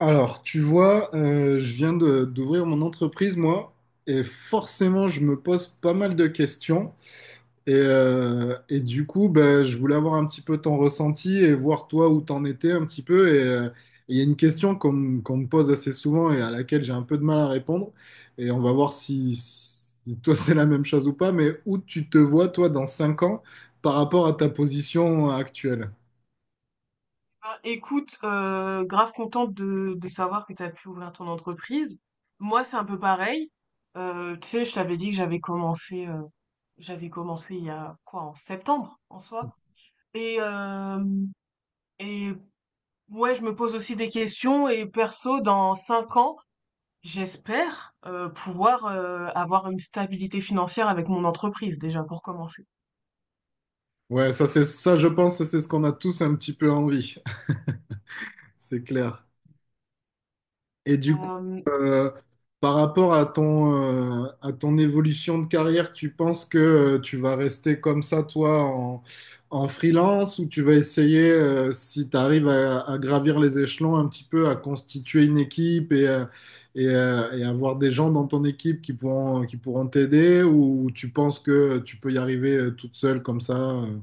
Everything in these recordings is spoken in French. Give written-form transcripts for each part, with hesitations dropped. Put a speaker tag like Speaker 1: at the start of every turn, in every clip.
Speaker 1: Alors, tu vois, je viens d'ouvrir mon entreprise, moi, et forcément, je me pose pas mal de questions. Et du coup, ben, je voulais avoir un petit peu ton ressenti et voir toi où t'en étais un petit peu. Il y a une question qu'on me pose assez souvent et à laquelle j'ai un peu de mal à répondre. Et on va voir si toi, c'est la même chose ou pas, mais où tu te vois, toi, dans 5 ans par rapport à ta position actuelle.
Speaker 2: Bah, écoute, grave contente de savoir que tu as pu ouvrir ton entreprise. Moi, c'est un peu pareil. Tu sais, je t'avais dit que j'avais commencé il y a quoi, en septembre en soi. Et, euh, et ouais, je me pose aussi des questions. Et perso, dans cinq ans, j'espère pouvoir avoir une stabilité financière avec mon entreprise déjà pour commencer.
Speaker 1: Ouais, ça, c'est ça, je pense, que c'est ce qu'on a tous un petit peu envie. C'est clair. Et du coup,
Speaker 2: Euh,
Speaker 1: euh, par rapport à ton évolution de carrière, tu penses que tu vas rester comme ça, toi, en freelance, ou tu vas essayer, si tu arrives à gravir les échelons un petit peu, à constituer une équipe et avoir des gens dans ton équipe qui pourront t'aider, ou tu penses que tu peux y arriver toute seule comme ça?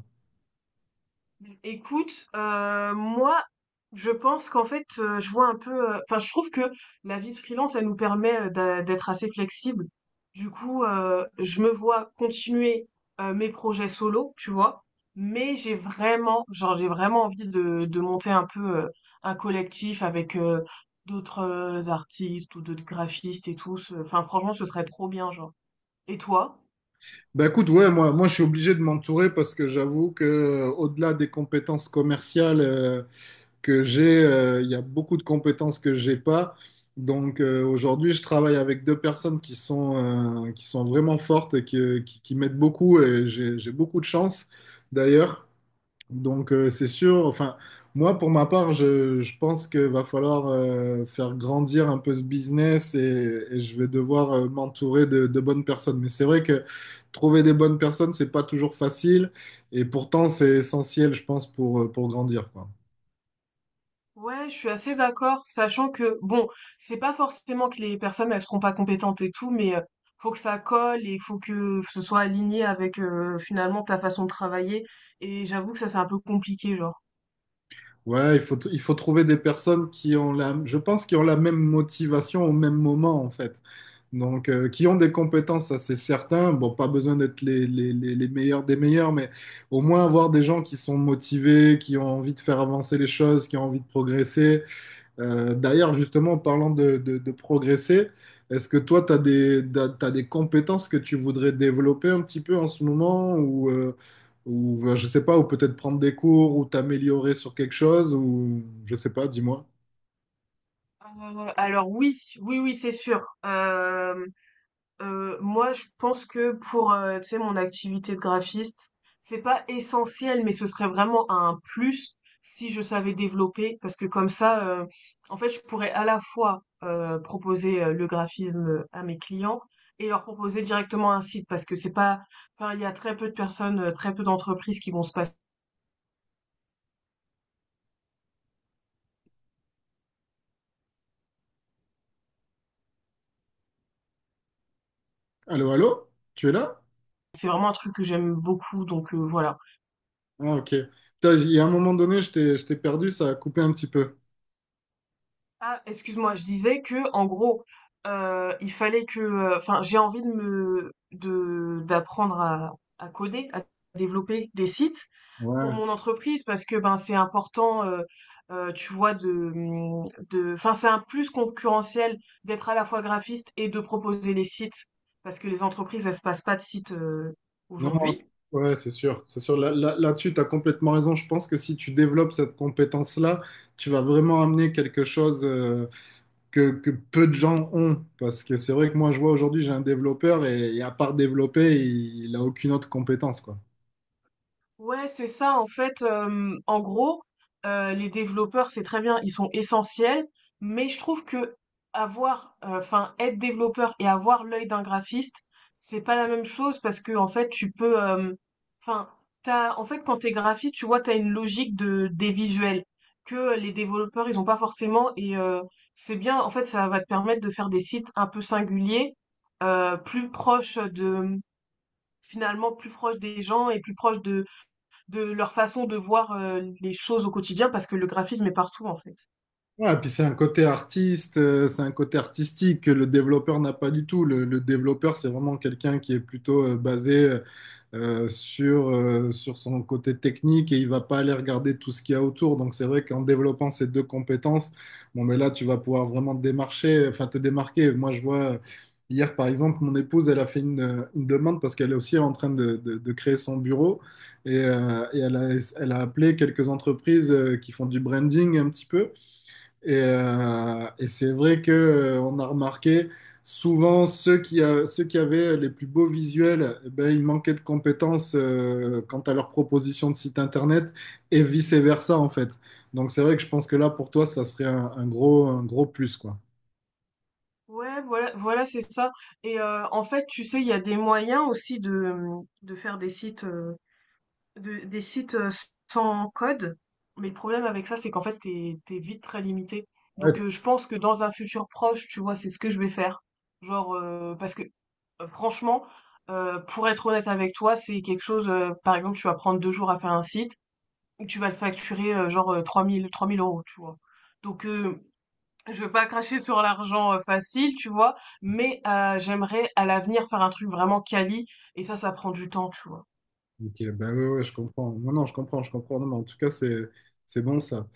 Speaker 2: Écoute, moi, je pense qu'en fait, je vois un peu. Enfin, je trouve que la vie de freelance, elle nous permet d'être assez flexible. Du coup, je me vois continuer mes projets solo, tu vois. Mais j'ai vraiment envie de monter un peu euh, un collectif avec d'autres artistes ou d'autres graphistes et tout. Enfin, franchement, ce serait trop bien, genre. Et toi?
Speaker 1: Bah écoute, ouais, moi je suis obligé de m'entourer parce que j'avoue que au-delà des compétences commerciales, que j'ai, il y a beaucoup de compétences que j'ai pas. Donc, aujourd'hui, je travaille avec deux personnes qui sont vraiment fortes et qui m'aident beaucoup et j'ai beaucoup de chance d'ailleurs. Donc, c'est sûr, enfin, moi pour ma part, je pense qu'il va falloir faire grandir un peu ce business et je vais devoir m'entourer de bonnes personnes. Mais c'est vrai que trouver des bonnes personnes, c'est pas toujours facile et pourtant c'est essentiel, je pense, pour grandir, quoi.
Speaker 2: Ouais, je suis assez d'accord, sachant que bon, c'est pas forcément que les personnes elles seront pas compétentes et tout, mais faut que ça colle et faut que ce soit aligné avec finalement ta façon de travailler. Et j'avoue que ça c'est un peu compliqué, genre.
Speaker 1: Ouais, il faut, il faut trouver des personnes qui ont la, je pense, qui ont la même motivation au même moment, en fait. Donc, qui ont des compétences, ça c'est certain. Bon, pas besoin d'être les meilleurs des meilleurs, mais au moins avoir des gens qui sont motivés, qui ont envie de faire avancer les choses, qui ont envie de progresser. D'ailleurs, justement, en parlant de, de progresser, est-ce que toi, tu as des, t'as des compétences que tu voudrais développer un petit peu en ce moment ou je sais pas, ou peut-être prendre des cours ou t'améliorer sur quelque chose ou je sais pas, dis-moi.
Speaker 2: Alors oui, oui, oui, c'est sûr. Moi, je pense que pour, tu sais, mon activité de graphiste, c'est pas essentiel, mais ce serait vraiment un plus si je savais développer parce que comme ça, en fait, je pourrais à la fois, proposer, le graphisme, à mes clients et leur proposer directement un site parce que c'est pas enfin, il y a très peu de personnes, très peu d'entreprises qui vont se passer,
Speaker 1: Allô, allô? Tu es là?
Speaker 2: c'est vraiment un truc que j'aime beaucoup donc voilà.
Speaker 1: Ah, ok. Putain, il y a un moment donné, je t'ai perdu, ça a coupé un petit peu.
Speaker 2: Ah, excuse-moi, je disais que en gros, enfin, j'ai envie de d'apprendre à coder, à développer des sites pour
Speaker 1: Ouais,
Speaker 2: mon entreprise parce que ben c'est important, tu vois, enfin, c'est un plus concurrentiel d'être à la fois graphiste et de proposer les sites parce que les entreprises elles se passent pas de sites
Speaker 1: non, non,
Speaker 2: aujourd'hui.
Speaker 1: ouais, c'est sûr, c'est sûr. Là-dessus, tu as complètement raison. Je pense que si tu développes cette compétence-là, tu vas vraiment amener quelque chose, que peu de gens ont. Parce que c'est vrai que moi, je vois aujourd'hui, j'ai un développeur et à part développer, il n'a aucune autre compétence, quoi.
Speaker 2: Ouais, c'est ça. En fait, en gros, les développeurs, c'est très bien, ils sont essentiels, mais je trouve que enfin, être développeur et avoir l'œil d'un graphiste, c'est pas la même chose parce que en fait, enfin, en fait, quand t'es graphiste, tu vois, t'as une logique de des visuels que les développeurs, ils ont pas forcément et c'est bien. En fait, ça va te permettre de faire des sites un peu singuliers, plus proches finalement, plus proches des gens et plus proches de leur façon de voir les choses au quotidien parce que le graphisme est partout en fait.
Speaker 1: Ouais, puis c'est un côté artiste, c'est un côté artistique que le développeur n'a pas du tout. Le développeur, c'est vraiment quelqu'un qui est plutôt basé sur, sur son côté technique et il va pas aller regarder tout ce qu'il y a autour. Donc c'est vrai qu'en développant ces deux compétences, bon, mais là, tu vas pouvoir vraiment te démarcher, enfin te démarquer. Moi, je vois. Hier, par exemple, mon épouse, elle a fait une demande parce qu'elle est aussi en train de, de créer son bureau et elle a, elle a appelé quelques entreprises qui font du branding un petit peu. Et c'est vrai que on a remarqué souvent ceux qui avaient les plus beaux visuels, eh ben, ils manquaient de compétences quant à leur proposition de site internet et vice-versa en fait. Donc c'est vrai que je pense que là pour toi ça serait un gros plus quoi.
Speaker 2: Ouais, voilà, voilà, c'est ça. Et en fait, tu sais, il y a des moyens aussi de faire des sites. De des sites, sans code, mais le problème avec ça, c'est qu'en fait, t'es es vite très limité.
Speaker 1: Ouais,
Speaker 2: Donc je pense que dans un futur proche, tu vois, c'est ce que je vais faire. Genre, parce que, franchement, pour être honnête avec toi, c'est quelque chose, par exemple, tu vas prendre 2 jours à faire un site, ou tu vas le facturer, genre, trois mille euros tu vois? Donc je veux pas cracher sur l'argent, facile, tu vois? Mais j'aimerais à l'avenir faire un truc vraiment quali et ça prend du temps, tu vois?
Speaker 1: ok, ben ouais, ouais, je comprends. Non, non, je comprends, je comprends. Non, mais en tout cas c'est bon ça.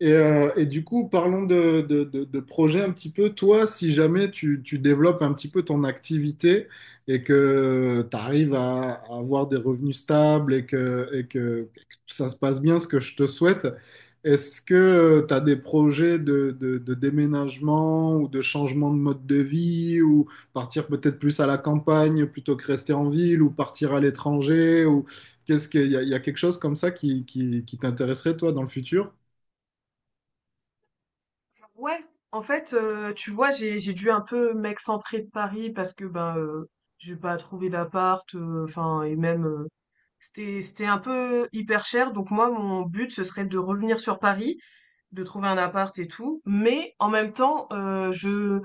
Speaker 1: Et du coup, parlons de, de projet un petit peu. Toi, si jamais tu, tu développes un petit peu ton activité et que tu arrives à avoir des revenus stables et que, et que, et que ça se passe bien, ce que je te souhaite, est-ce que tu as des projets de, de déménagement ou de changement de mode de vie ou partir peut-être plus à la campagne plutôt que rester en ville ou partir à l'étranger ou qu'est-ce qu'il y a, il y a quelque chose comme ça qui t'intéresserait toi dans le futur?
Speaker 2: Ouais, en fait, tu vois, j'ai dû un peu m'excentrer de Paris parce que ben j'ai pas trouvé d'appart, enfin et même c'était un peu hyper cher. Donc moi, mon but ce serait de revenir sur Paris, de trouver un appart et tout. Mais en même temps, je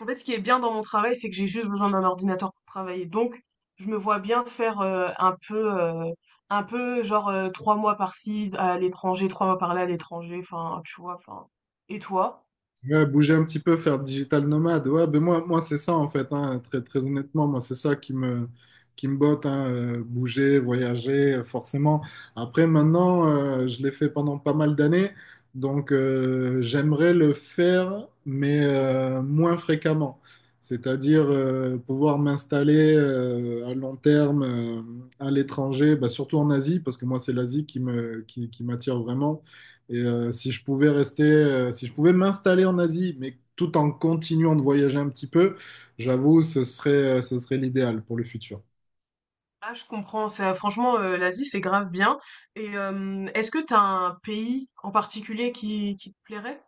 Speaker 2: en fait, ce qui est bien dans mon travail, c'est que j'ai juste besoin d'un ordinateur pour travailler. Donc je me vois bien faire un peu genre trois mois par-ci à l'étranger, trois mois par-là à l'étranger. Enfin, tu vois. Enfin, et toi?
Speaker 1: Ouais, bouger un petit peu, faire digital nomade. Ouais, ben moi, moi c'est ça en fait, hein, très, très honnêtement, moi c'est ça qui me botte, hein, bouger, voyager, forcément. Après, maintenant, je l'ai fait pendant pas mal d'années, donc j'aimerais le faire, mais moins fréquemment. C'est-à-dire pouvoir m'installer à long terme à l'étranger, bah, surtout en Asie, parce que moi c'est l'Asie qui me, qui m'attire vraiment. Et si je pouvais rester, si je pouvais m'installer en Asie, mais tout en continuant de voyager un petit peu, j'avoue, ce serait l'idéal pour le futur.
Speaker 2: Ah, je comprends. Ça, franchement, l'Asie, c'est grave bien. Et est-ce que t'as un pays en particulier qui te plairait?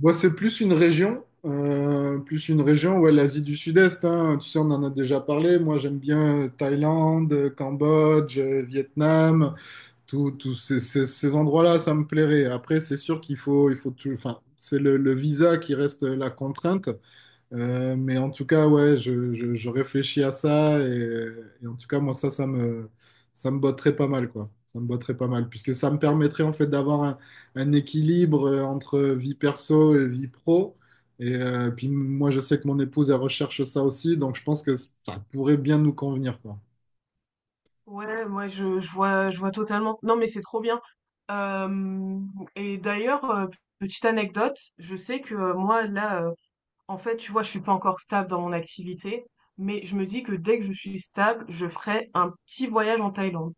Speaker 1: Moi, c'est plus une région, ouais, l'Asie du Sud-Est, hein. Tu sais, on en a déjà parlé. Moi, j'aime bien Thaïlande, Cambodge, Vietnam, tous ces, ces endroits-là, ça me plairait. Après, c'est sûr qu'il faut, il faut tout, enfin, c'est le visa qui reste la contrainte. Mais en tout cas, ouais, je, je réfléchis à ça et en tout cas, moi, ça, ça me botterait pas mal, quoi. Ça me botterait pas mal, puisque ça me permettrait en fait d'avoir un équilibre entre vie perso et vie pro. Et puis moi, je sais que mon épouse, elle recherche ça aussi, donc je pense que ça pourrait bien nous convenir, quoi.
Speaker 2: Ouais, ouais, je vois totalement. Non, mais c'est trop bien. Euh, et d'ailleurs, petite anecdote, je sais que moi, là, en fait, tu vois, je suis pas encore stable dans mon activité, mais je me dis que dès que je suis stable, je ferai un petit voyage en Thaïlande.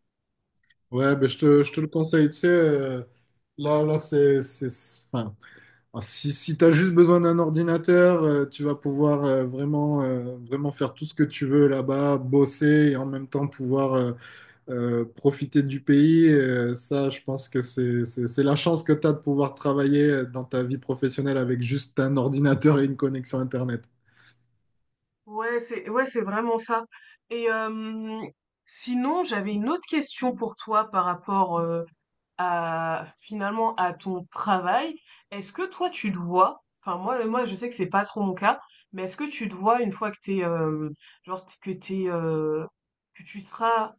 Speaker 1: Ouais, ben, je te le conseille, tu sais, là, là, c'est, enfin, alors, si si tu as juste besoin d'un ordinateur, tu vas pouvoir vraiment, vraiment faire tout ce que tu veux là-bas, bosser et en même temps pouvoir profiter du pays. Ça, je pense que c'est la chance que tu as de pouvoir travailler dans ta vie professionnelle avec juste un ordinateur et une connexion Internet.
Speaker 2: Ouais, ouais, c'est vraiment ça. Et sinon, j'avais une autre question pour toi par rapport à finalement à ton travail. Est-ce que toi tu te vois, enfin moi je sais que c'est pas trop mon cas, mais est-ce que tu te vois une fois que t'es que t'es que tu seras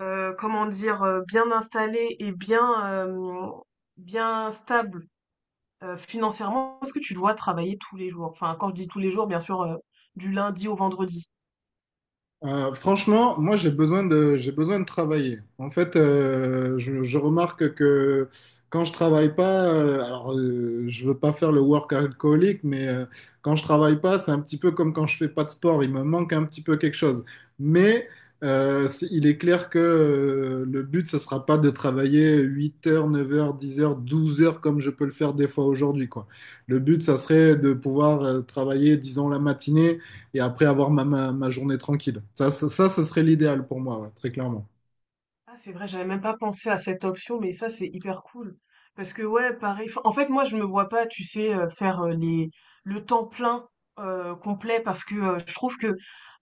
Speaker 2: comment dire bien installé et bien stable financièrement, est-ce que tu te vois travailler tous les jours? Enfin quand je dis tous les jours, bien sûr du lundi au vendredi.
Speaker 1: Franchement, moi j'ai besoin de travailler. En fait, je remarque que quand je travaille pas, alors je veux pas faire le work alcoolique, mais quand je travaille pas, c'est un petit peu comme quand je fais pas de sport, il me manque un petit peu quelque chose. Mais il est clair que le but ce sera pas de travailler 8 heures, 9 heures, 10 heures, 12 heures comme je peux le faire des fois aujourd'hui quoi. Le but ça serait de pouvoir travailler disons la matinée et après avoir ma, ma, ma journée tranquille. Ça, ce serait l'idéal pour moi, ouais, très clairement.
Speaker 2: Ah, c'est vrai, j'avais même pas pensé à cette option, mais ça, c'est hyper cool. Parce que, ouais, pareil. 'Fin, en fait, moi, je me vois pas, tu sais, faire le temps plein complet parce que je trouve que,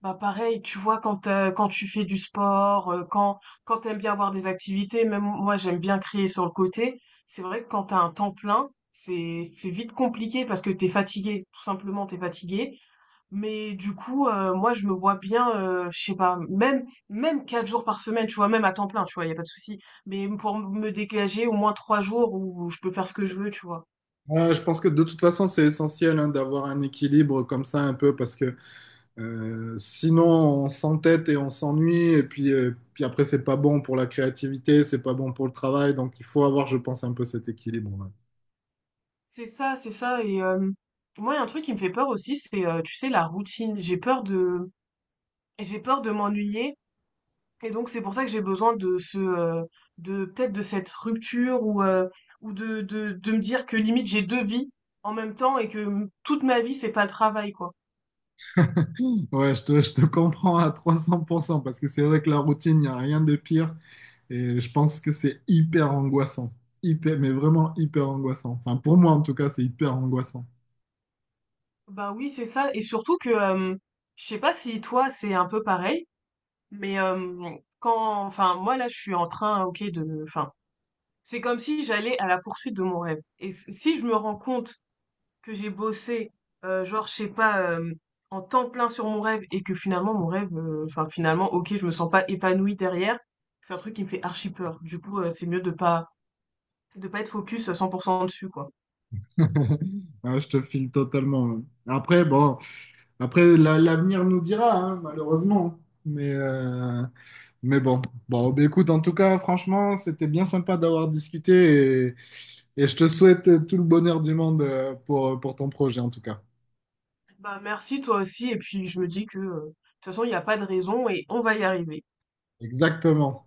Speaker 2: bah, pareil, tu vois, quand tu fais du sport, quand t'aimes bien avoir des activités, même moi, j'aime bien créer sur le côté. C'est vrai que quand t'as un temps plein, c'est vite compliqué parce que t'es fatigué, tout simplement, t'es fatigué. Mais du coup, moi je me vois bien, je sais pas, même 4 jours par semaine, tu vois? Même à temps plein, tu vois? Y a pas de souci. Mais pour me dégager au moins 3 jours où je peux faire ce que je veux, tu vois?
Speaker 1: Je pense que de toute façon, c'est essentiel hein, d'avoir un équilibre comme ça un peu parce que sinon on s'entête et on s'ennuie et puis, puis après c'est pas bon pour la créativité, c'est pas bon pour le travail. Donc il faut avoir, je pense, un peu cet équilibre. Ouais,
Speaker 2: C'est ça et moi il y a un truc qui me fait peur aussi, c'est, tu sais, la routine. J'ai peur de m'ennuyer et donc c'est pour ça que j'ai besoin de ce, de peut-être de cette rupture ou de me dire que limite j'ai 2 vies en même temps et que, toute ma vie c'est pas le travail, quoi.
Speaker 1: ouais, je te comprends à 300% parce que c'est vrai que la routine, il n'y a rien de pire et je pense que c'est hyper angoissant. Hyper, mais vraiment hyper angoissant. Enfin, pour moi en tout cas, c'est hyper angoissant.
Speaker 2: Bah oui, c'est ça. Et surtout que, je sais pas si toi c'est un peu pareil, mais quand, enfin moi là je suis en train, ok, enfin c'est comme si j'allais à la poursuite de mon rêve. Et si je me rends compte que j'ai bossé, genre je sais pas, en temps plein sur mon rêve et que finalement mon rêve, enfin finalement ok, je me sens pas épanouie derrière, c'est un truc qui me fait archi peur. Du coup, c'est mieux de pas être focus à 100% dessus quoi.
Speaker 1: Ah, je te file totalement. Hein. Après, bon, après, l'avenir nous dira, hein, malheureusement. Mais, euh, mais bon. Bon, bah, écoute, en tout cas, franchement, c'était bien sympa d'avoir discuté et je te souhaite tout le bonheur du monde pour ton projet, en tout cas.
Speaker 2: Bah merci toi aussi et puis je me dis que de toute façon il n'y a pas de raison et on va y arriver.
Speaker 1: Exactement.